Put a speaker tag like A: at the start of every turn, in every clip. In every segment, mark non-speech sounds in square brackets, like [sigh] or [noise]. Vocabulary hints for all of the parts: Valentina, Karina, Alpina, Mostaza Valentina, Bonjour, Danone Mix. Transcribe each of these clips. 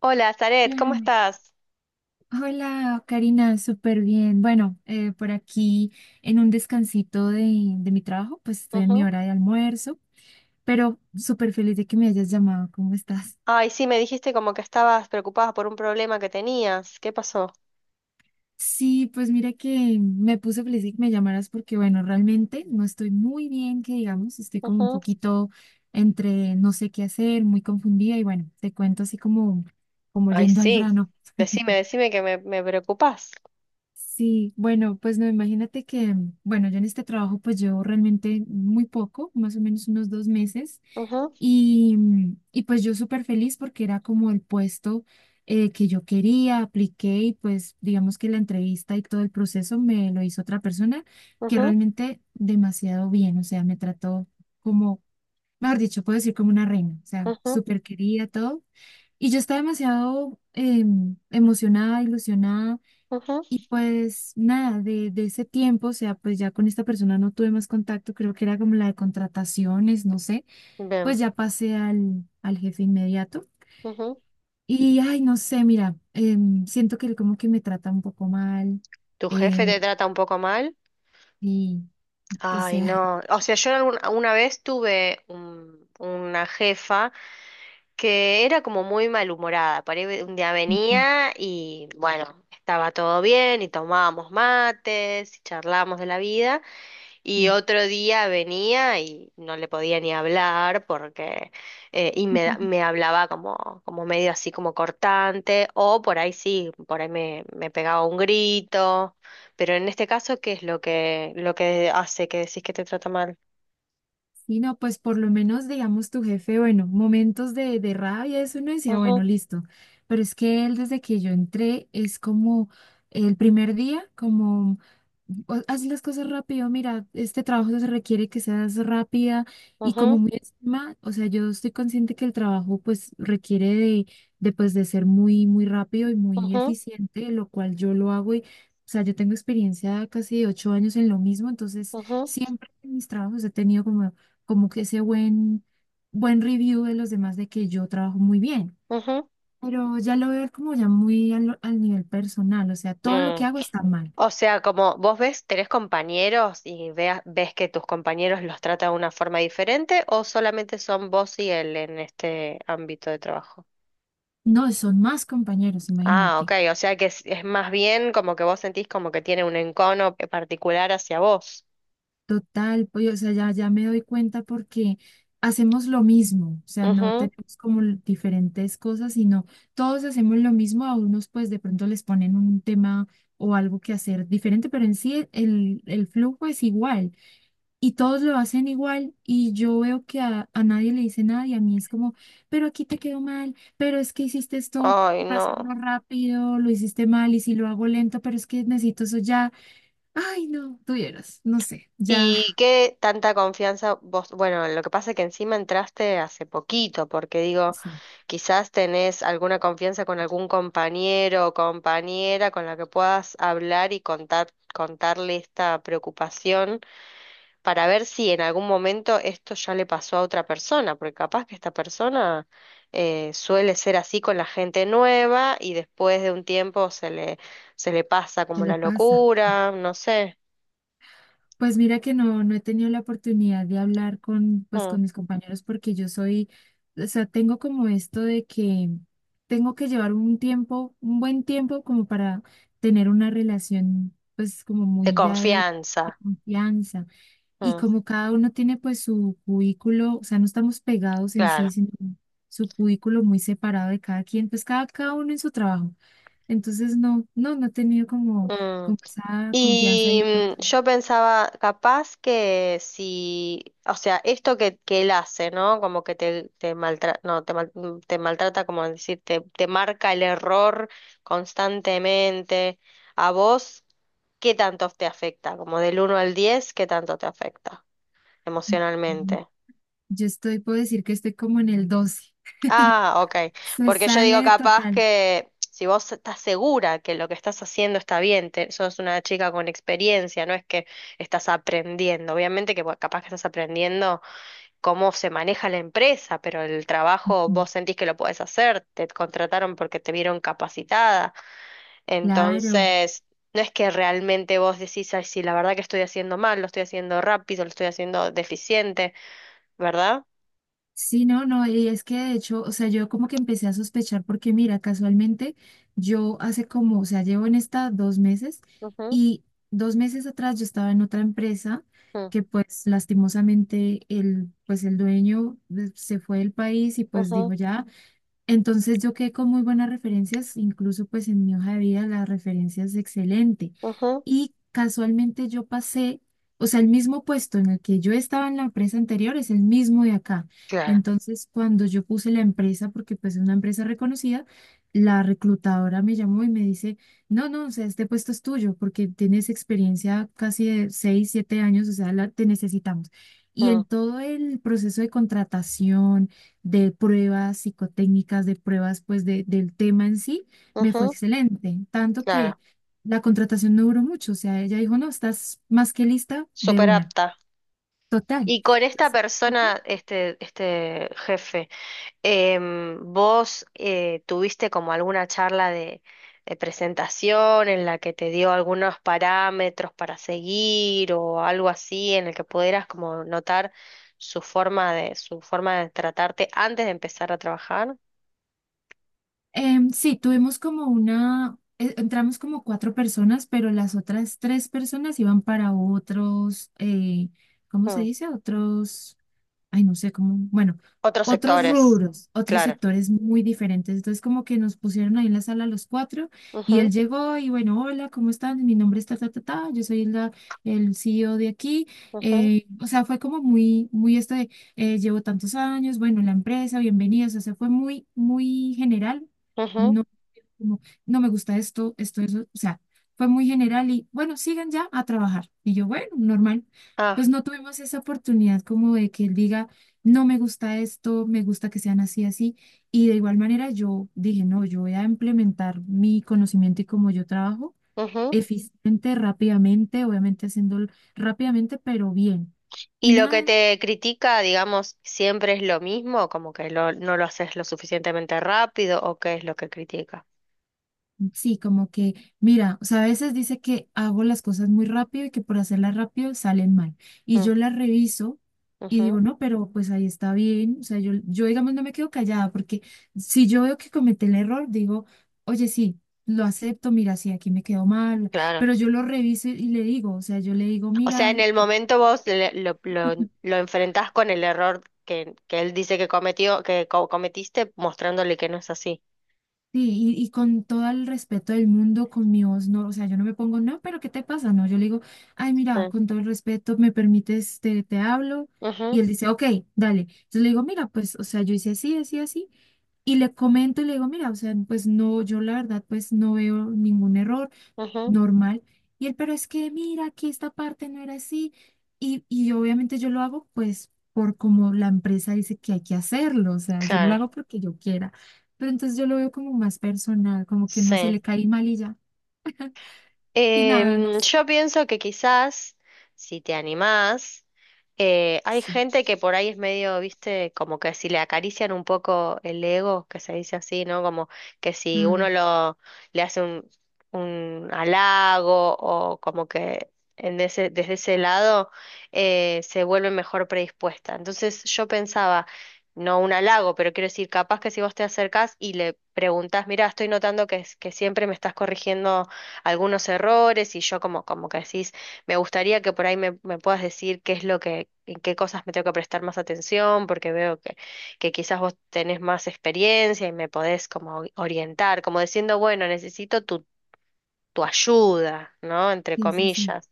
A: Hola, Zaret, ¿cómo
B: Hola,
A: estás?
B: Hola, Karina, súper bien. Bueno, por aquí en un descansito de mi trabajo, pues estoy en mi
A: Ujú.
B: hora de almuerzo, pero súper feliz de que me hayas llamado. ¿Cómo estás?
A: Ay, sí, me dijiste como que estabas preocupada por un problema que tenías. ¿Qué pasó?
B: Sí, pues mira que me puse feliz de que me llamaras porque, bueno, realmente no estoy muy bien, que digamos, estoy como un
A: Ujú.
B: poquito entre no sé qué hacer, muy confundida y bueno, te cuento así como
A: Ay,
B: yendo al
A: sí.
B: grano.
A: Decime, decime que me preocupás.
B: Sí, bueno, pues no, imagínate que, bueno, yo en este trabajo pues llevo realmente muy poco, más o menos unos dos meses,
A: Ujú.
B: y pues yo súper feliz porque era como el puesto que yo quería, apliqué y pues digamos que la entrevista y todo el proceso me lo hizo otra persona que
A: Ujú.
B: realmente demasiado bien, o sea, me trató como, mejor dicho, puedo decir como una reina, o sea,
A: Ujú.
B: súper querida, todo. Y yo estaba demasiado emocionada, ilusionada
A: Ujú.
B: y pues nada, de ese tiempo, o sea, pues ya con esta persona no tuve más contacto, creo que era como la de contrataciones, no sé,
A: Bien.
B: pues ya pasé al jefe inmediato.
A: Ujú.
B: Y ay, no sé, mira, siento que él como que me trata un poco mal,
A: ¿Tu jefe te
B: eh,
A: trata un poco mal?
B: y o
A: Ay,
B: sea,
A: no. O sea, yo una vez tuve una jefa que era como muy malhumorada. Por ahí un día
B: [laughs] como que
A: venía y bueno, estaba todo bien y tomábamos mates y charlábamos de la vida. Y
B: sí.
A: otro día venía y no le podía ni hablar porque y
B: [laughs]
A: me hablaba como, como medio así como cortante, o por ahí sí, por ahí me pegaba un grito, pero en este caso, ¿qué es lo que hace que decís que te trata mal?
B: Y no, pues por lo menos, digamos, tu jefe, bueno, momentos de rabia, eso uno decía, bueno,
A: Ujú.
B: listo. Pero es que él, desde que yo entré, es como el primer día, como, haz las cosas rápido, mira, este trabajo se requiere que seas rápida y como
A: Ujú.
B: muy encima, o sea, yo estoy consciente que el trabajo, pues, requiere de, pues, de ser muy, muy rápido y muy
A: Ujú.
B: eficiente, lo cual yo lo hago y, o sea, yo tengo experiencia casi de ocho años en lo mismo, entonces
A: Ujú.
B: siempre en mis trabajos he tenido como que ese buen review de los demás de que yo trabajo muy bien.
A: Ujú.
B: Pero ya lo veo como ya muy al nivel personal, o sea, todo lo que
A: Mm.
B: hago está mal.
A: O sea, como vos ves, tenés compañeros y veas, ves que tus compañeros los tratan de una forma diferente o solamente son vos y él en este ámbito de trabajo.
B: No, son más compañeros,
A: Ah, ok,
B: imagínate.
A: o sea que es más bien como que vos sentís como que tiene un encono particular hacia vos.
B: Total, pues, o sea, ya me doy cuenta porque hacemos lo mismo, o sea, no
A: Ujú.
B: tenemos como diferentes cosas, sino todos hacemos lo mismo, a unos pues de pronto les ponen un tema o algo que hacer diferente, pero en sí el flujo es igual y todos lo hacen igual y yo veo que a nadie le dice nada y a mí es como, pero aquí te quedó mal, pero es que hiciste esto
A: Ay,
B: para hacerlo
A: no.
B: rápido, lo hiciste mal y si lo hago lento, pero es que necesito eso ya. Ay, no, tuvieras, no sé,
A: ¿Y
B: ya.
A: qué tanta confianza vos? Bueno, lo que pasa es que encima entraste hace poquito, porque digo,
B: Sí,
A: quizás tenés alguna confianza con algún compañero o compañera con la que puedas hablar y contar, contarle esta preocupación, para ver si en algún momento esto ya le pasó a otra persona, porque capaz que esta persona suele ser así con la gente nueva y después de un tiempo se le pasa
B: ¿qué
A: como
B: le
A: la
B: pasa?
A: locura, no sé,
B: Pues mira que no he tenido la oportunidad de hablar con, pues,
A: mm,
B: con mis compañeros porque yo soy, o sea, tengo como esto de que tengo que llevar un tiempo, un buen tiempo como para tener una relación, pues como
A: de
B: muy ya de
A: confianza,
B: confianza. Y
A: mm,
B: como cada uno tiene pues su cubículo, o sea, no estamos pegados en sí,
A: claro.
B: sino su cubículo muy separado de cada quien, pues cada uno en su trabajo. Entonces no he tenido como,
A: Mm.
B: como esa confianza y
A: Y
B: oportunidad.
A: yo pensaba, capaz que si, o sea, esto que él hace, ¿no? Como que te maltrata, no, te, te maltrata, como decir, te marca el error constantemente. ¿A vos qué tanto te afecta? Como del uno al diez, ¿qué tanto te afecta
B: Ujú.
A: emocionalmente?
B: Yo estoy, puedo decir que estoy como en el doce. [laughs]
A: Ah, ok.
B: Se
A: Porque yo digo
B: sale
A: capaz
B: total.
A: que si vos estás segura que lo que estás haciendo está bien, sos una chica con experiencia, no es que estás aprendiendo. Obviamente que bueno, capaz que estás aprendiendo cómo se maneja la empresa, pero el trabajo vos sentís que lo podés hacer, te contrataron porque te vieron capacitada.
B: Claro.
A: Entonces, no es que realmente vos decís, ay, sí, la verdad que estoy haciendo mal, lo estoy haciendo rápido, lo estoy haciendo deficiente, ¿verdad?
B: Sí, no, no, y es que de hecho, o sea, yo como que empecé a sospechar porque mira, casualmente yo hace como, o sea, llevo en esta dos meses
A: Ujú.
B: y dos meses atrás yo estaba en otra empresa
A: Mm.
B: que pues lastimosamente el dueño se fue del país y pues
A: Ujú.
B: dijo ya. Entonces yo quedé con muy buenas referencias, incluso pues en mi hoja de vida la referencia es excelente.
A: Ujú.
B: Y casualmente yo pasé, o sea, el mismo puesto en el que yo estaba en la empresa anterior es el mismo de acá.
A: Claro.
B: Entonces cuando yo puse la empresa, porque pues es una empresa reconocida, la reclutadora me llamó y me dice, no, no, o sea, este puesto es tuyo porque tienes experiencia casi de 6, 7 años, o sea, la, te necesitamos. Y en todo el proceso de contratación de pruebas psicotécnicas, de pruebas pues del tema en sí, me fue
A: Ujú.
B: excelente, tanto
A: Claro,
B: que la contratación no duró mucho, o sea, ella dijo, no, estás más que lista de
A: súper
B: una,
A: apta.
B: total.
A: Y con esta persona, este jefe, ¿vos tuviste como alguna charla de presentación en la que te dio algunos parámetros para seguir o algo así en el que pudieras como notar su forma de tratarte antes de empezar a trabajar?
B: Sí, tuvimos como una, entramos como cuatro personas, pero las otras tres personas iban para otros, ¿cómo se
A: Mm.
B: dice? Otros, ay, no sé cómo, bueno,
A: Otros
B: otros
A: sectores,
B: rubros, otros
A: claro.
B: sectores muy diferentes. Entonces, como que nos pusieron ahí en la sala los cuatro y él
A: Ujú.
B: llegó y bueno, hola, ¿cómo están? Mi nombre es ta, ta, ta, ta, yo soy la, el CEO de aquí.
A: Ujú.
B: O sea, fue como muy, muy esto de llevo tantos años, bueno, la empresa, bienvenidos, o sea, fue muy, muy general,
A: Ujú.
B: no, como, no me gusta esto, esto, eso, o sea, fue muy general y bueno, sigan ya a trabajar. Y yo, bueno, normal.
A: Ah,
B: Pues no tuvimos esa oportunidad como de que él diga, no me gusta esto, me gusta que sean así, así. Y de igual manera yo dije, no, yo voy a implementar mi conocimiento y cómo yo trabajo
A: ujú.
B: eficiente, rápidamente, obviamente haciéndolo rápidamente, pero bien. Y
A: Y lo que
B: nada,
A: te critica, digamos, siempre es lo mismo, como que no lo haces lo suficientemente rápido, o qué es lo que critica.
B: sí, como que, mira, o sea, a veces dice que hago las cosas muy rápido y que por hacerlas rápido salen mal. Y
A: Mm.
B: yo las reviso y
A: Ujú.
B: digo, no, pero pues ahí está bien. O sea, yo digamos, no me quedo callada porque si yo veo que cometí el error, digo, oye, sí, lo acepto, mira, sí, aquí me quedó mal.
A: Claro.
B: Pero yo lo reviso y le digo, o sea, yo le digo,
A: O sea, en
B: mira.
A: el momento vos lo enfrentás con el error que él dice que cometió, que cometiste, mostrándole que no es así.
B: Sí, y con todo el respeto del mundo, con mi voz, no, o sea, yo no me pongo, no, pero ¿qué te pasa? No, yo le digo, ay, mira,
A: Mm.
B: con todo el respeto, me permites, te hablo. Y
A: Ujú.
B: él dice, ok, dale. Entonces le digo, mira, pues, o sea, yo hice así, así, así. Y le comento y le digo, mira, o sea, pues no, yo la verdad, pues no veo ningún error
A: Ujú.
B: normal. Y él, pero es que mira, aquí esta parte no era así. Y obviamente yo lo hago pues por como la empresa dice que hay que hacerlo, o sea, yo no lo
A: Claro.
B: hago porque yo quiera. Pero entonces yo lo veo como más personal, como que no se le
A: Sí.
B: cae mal y ya. Y nada, no sé.
A: Yo pienso que quizás, si te animás, hay
B: Sí.
A: gente que por ahí es medio, viste, como que si le acarician un poco el ego, que se dice así, ¿no? Como que si
B: Ah,
A: uno lo le hace un halago o como que en ese, desde ese lado se vuelve mejor predispuesta. Entonces yo pensaba, no un halago, pero quiero decir, capaz que si vos te acercás y le preguntás, mira, estoy notando que, que siempre me estás corrigiendo algunos errores y yo como, como que decís, me gustaría que por ahí me puedas decir qué es lo que, en qué cosas me tengo que prestar más atención, porque veo que quizás vos tenés más experiencia y me podés como orientar, como diciendo, bueno, necesito tu ayuda, ¿no? Entre
B: sí, sí, sí.
A: comillas.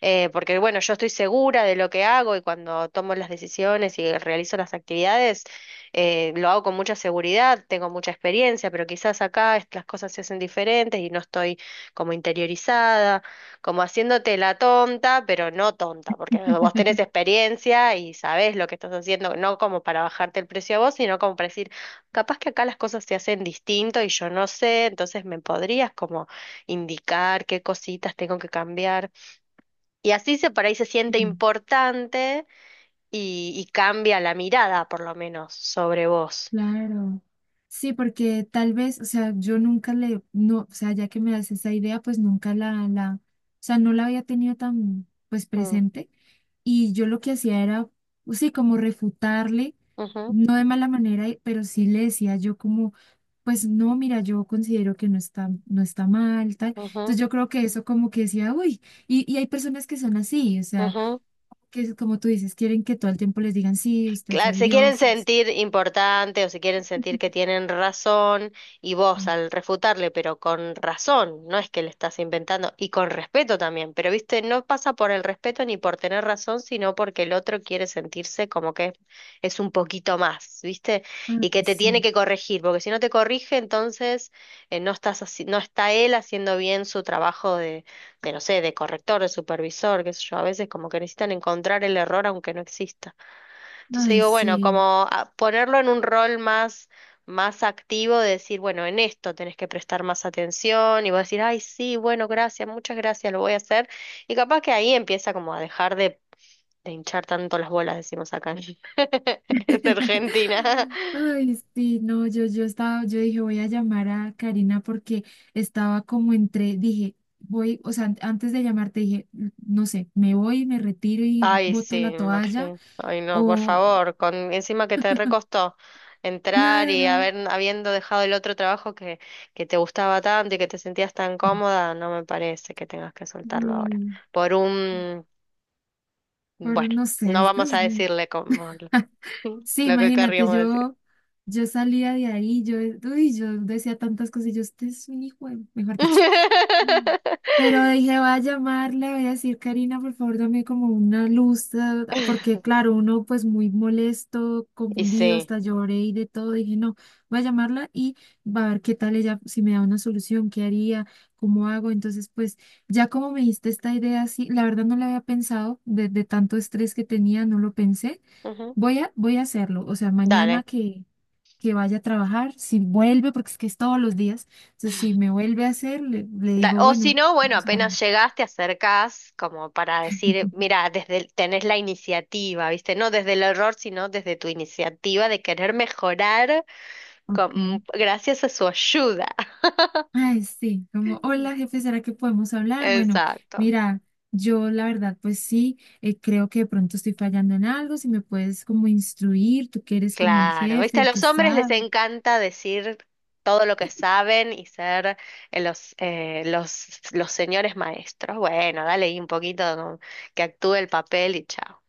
A: Porque bueno, yo estoy segura de lo que hago y cuando tomo las decisiones y realizo las actividades, lo hago con mucha seguridad, tengo mucha experiencia, pero quizás acá las cosas se hacen diferentes y no estoy como interiorizada, como haciéndote la tonta, pero no tonta, porque vos tenés
B: [laughs]
A: experiencia y sabés lo que estás haciendo, no como para bajarte el precio a vos, sino como para decir, capaz que acá las cosas se hacen distinto y yo no sé, entonces me podrías como indicar qué cositas tengo que cambiar. Y así se por ahí se siente importante y cambia la mirada, por lo menos, sobre vos.
B: Claro. Sí, porque tal vez, o sea, yo nunca le, no, o sea, ya que me das esa idea, pues nunca la, o sea, no la había tenido tan, pues,
A: Mm.
B: presente. Y yo lo que hacía era, pues, sí, como refutarle,
A: Ujú.
B: no de mala manera, y- pero sí le decía yo como, pues, no, mira, yo considero que no está, no está mal, tal.
A: Ujú.
B: Entonces yo creo que eso como que decía, uy, y hay personas que son así, o sea,
A: Ujú.
B: que como tú dices, quieren que todo el tiempo les digan, sí, usted es
A: Claro,
B: el
A: se quieren
B: dios. Es.
A: sentir importantes o se quieren sentir que tienen razón y vos al refutarle, pero con razón, no es que le estás inventando y con respeto también, pero viste, no pasa por el respeto ni por tener razón, sino porque el otro quiere sentirse como que es un poquito más, viste,
B: Ay,
A: y que te tiene
B: sí.
A: que corregir, porque si no te corrige, entonces no estás no está él haciendo bien su trabajo no sé, de corrector, de supervisor, qué sé yo, a veces como que necesitan encontrar el error aunque no exista. Entonces
B: Ay,
A: digo, bueno,
B: sí.
A: como ponerlo en un rol más, más activo, de decir, bueno, en esto tenés que prestar más atención y vos decir, ay, sí, bueno, gracias, muchas gracias, lo voy a hacer. Y capaz que ahí empieza como a dejar de hinchar tanto las bolas, decimos acá en [laughs] en
B: [laughs]
A: Argentina.
B: Ay, sí, no, yo estaba, yo dije, voy a llamar a Karina porque estaba como entre, dije, voy, o sea, antes de llamarte dije, no sé, me voy, me retiro y
A: Ay, sí,
B: boto la
A: me
B: toalla,
A: imagino. Ay, no, por
B: o,
A: favor, con encima que te
B: [laughs]
A: recostó entrar y
B: claro,
A: haber, habiendo dejado el otro trabajo que te gustaba tanto y que te sentías tan cómoda, no me parece que tengas que soltarlo ahora.
B: sí,
A: Por un, bueno,
B: pero no sé,
A: no
B: este es,
A: vamos a decirle como lo,
B: [laughs]
A: [laughs]
B: sí,
A: lo que
B: imagínate,
A: querríamos decir.
B: yo, salía de ahí, yo, uy, yo decía tantas cosas, y yo, este es un hijo, mejor dicho. Mm.
A: [laughs]
B: Pero dije, voy a llamarle, voy a decir, Karina, por favor, dame como una luz, porque claro, uno pues muy molesto,
A: Y
B: confundido,
A: sí.
B: hasta lloré y de todo. Dije, no, voy a llamarla y va a ver qué tal ella, si me da una solución, qué haría, cómo hago. Entonces, pues ya como me diste esta idea, sí, la verdad no la había pensado, de tanto estrés que tenía, no lo pensé.
A: Ujú.
B: Voy a hacerlo, o sea, mañana
A: Dale.
B: que vaya a trabajar, si vuelve, porque es que es todos los días, entonces si me vuelve a hacer, le digo,
A: O si
B: bueno,
A: no, bueno,
B: vamos a hablar.
A: apenas llegás, te acercás como para decir, mira,
B: [laughs]
A: tenés la iniciativa, ¿viste? No desde el error, sino desde tu iniciativa de querer mejorar
B: Ok.
A: gracias a su ayuda.
B: Ay, sí, como, hola
A: [laughs]
B: jefe, ¿será que podemos hablar? Bueno,
A: Exacto.
B: mira, yo la verdad, pues sí, creo que de pronto estoy fallando en algo, si me puedes como instruir, tú que eres como el
A: Claro,
B: jefe,
A: ¿viste? A
B: el que
A: los hombres les
B: sabe.
A: encanta decir todo lo que saben y ser los señores maestros. Bueno, dale ahí un poquito como que actúe el papel y chao.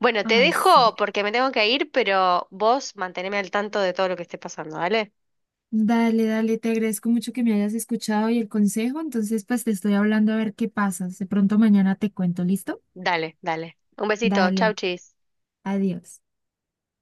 A: Bueno, te
B: Ay, sí.
A: dejo porque me tengo que ir, pero vos manteneme al tanto de todo lo que esté pasando, ¿vale?
B: Dale, dale, te agradezco mucho que me hayas escuchado y el consejo, entonces pues te estoy hablando a ver qué pasa, de pronto mañana te cuento, ¿listo?
A: Dale, dale. Un besito, chau,
B: Dale,
A: chis.
B: adiós.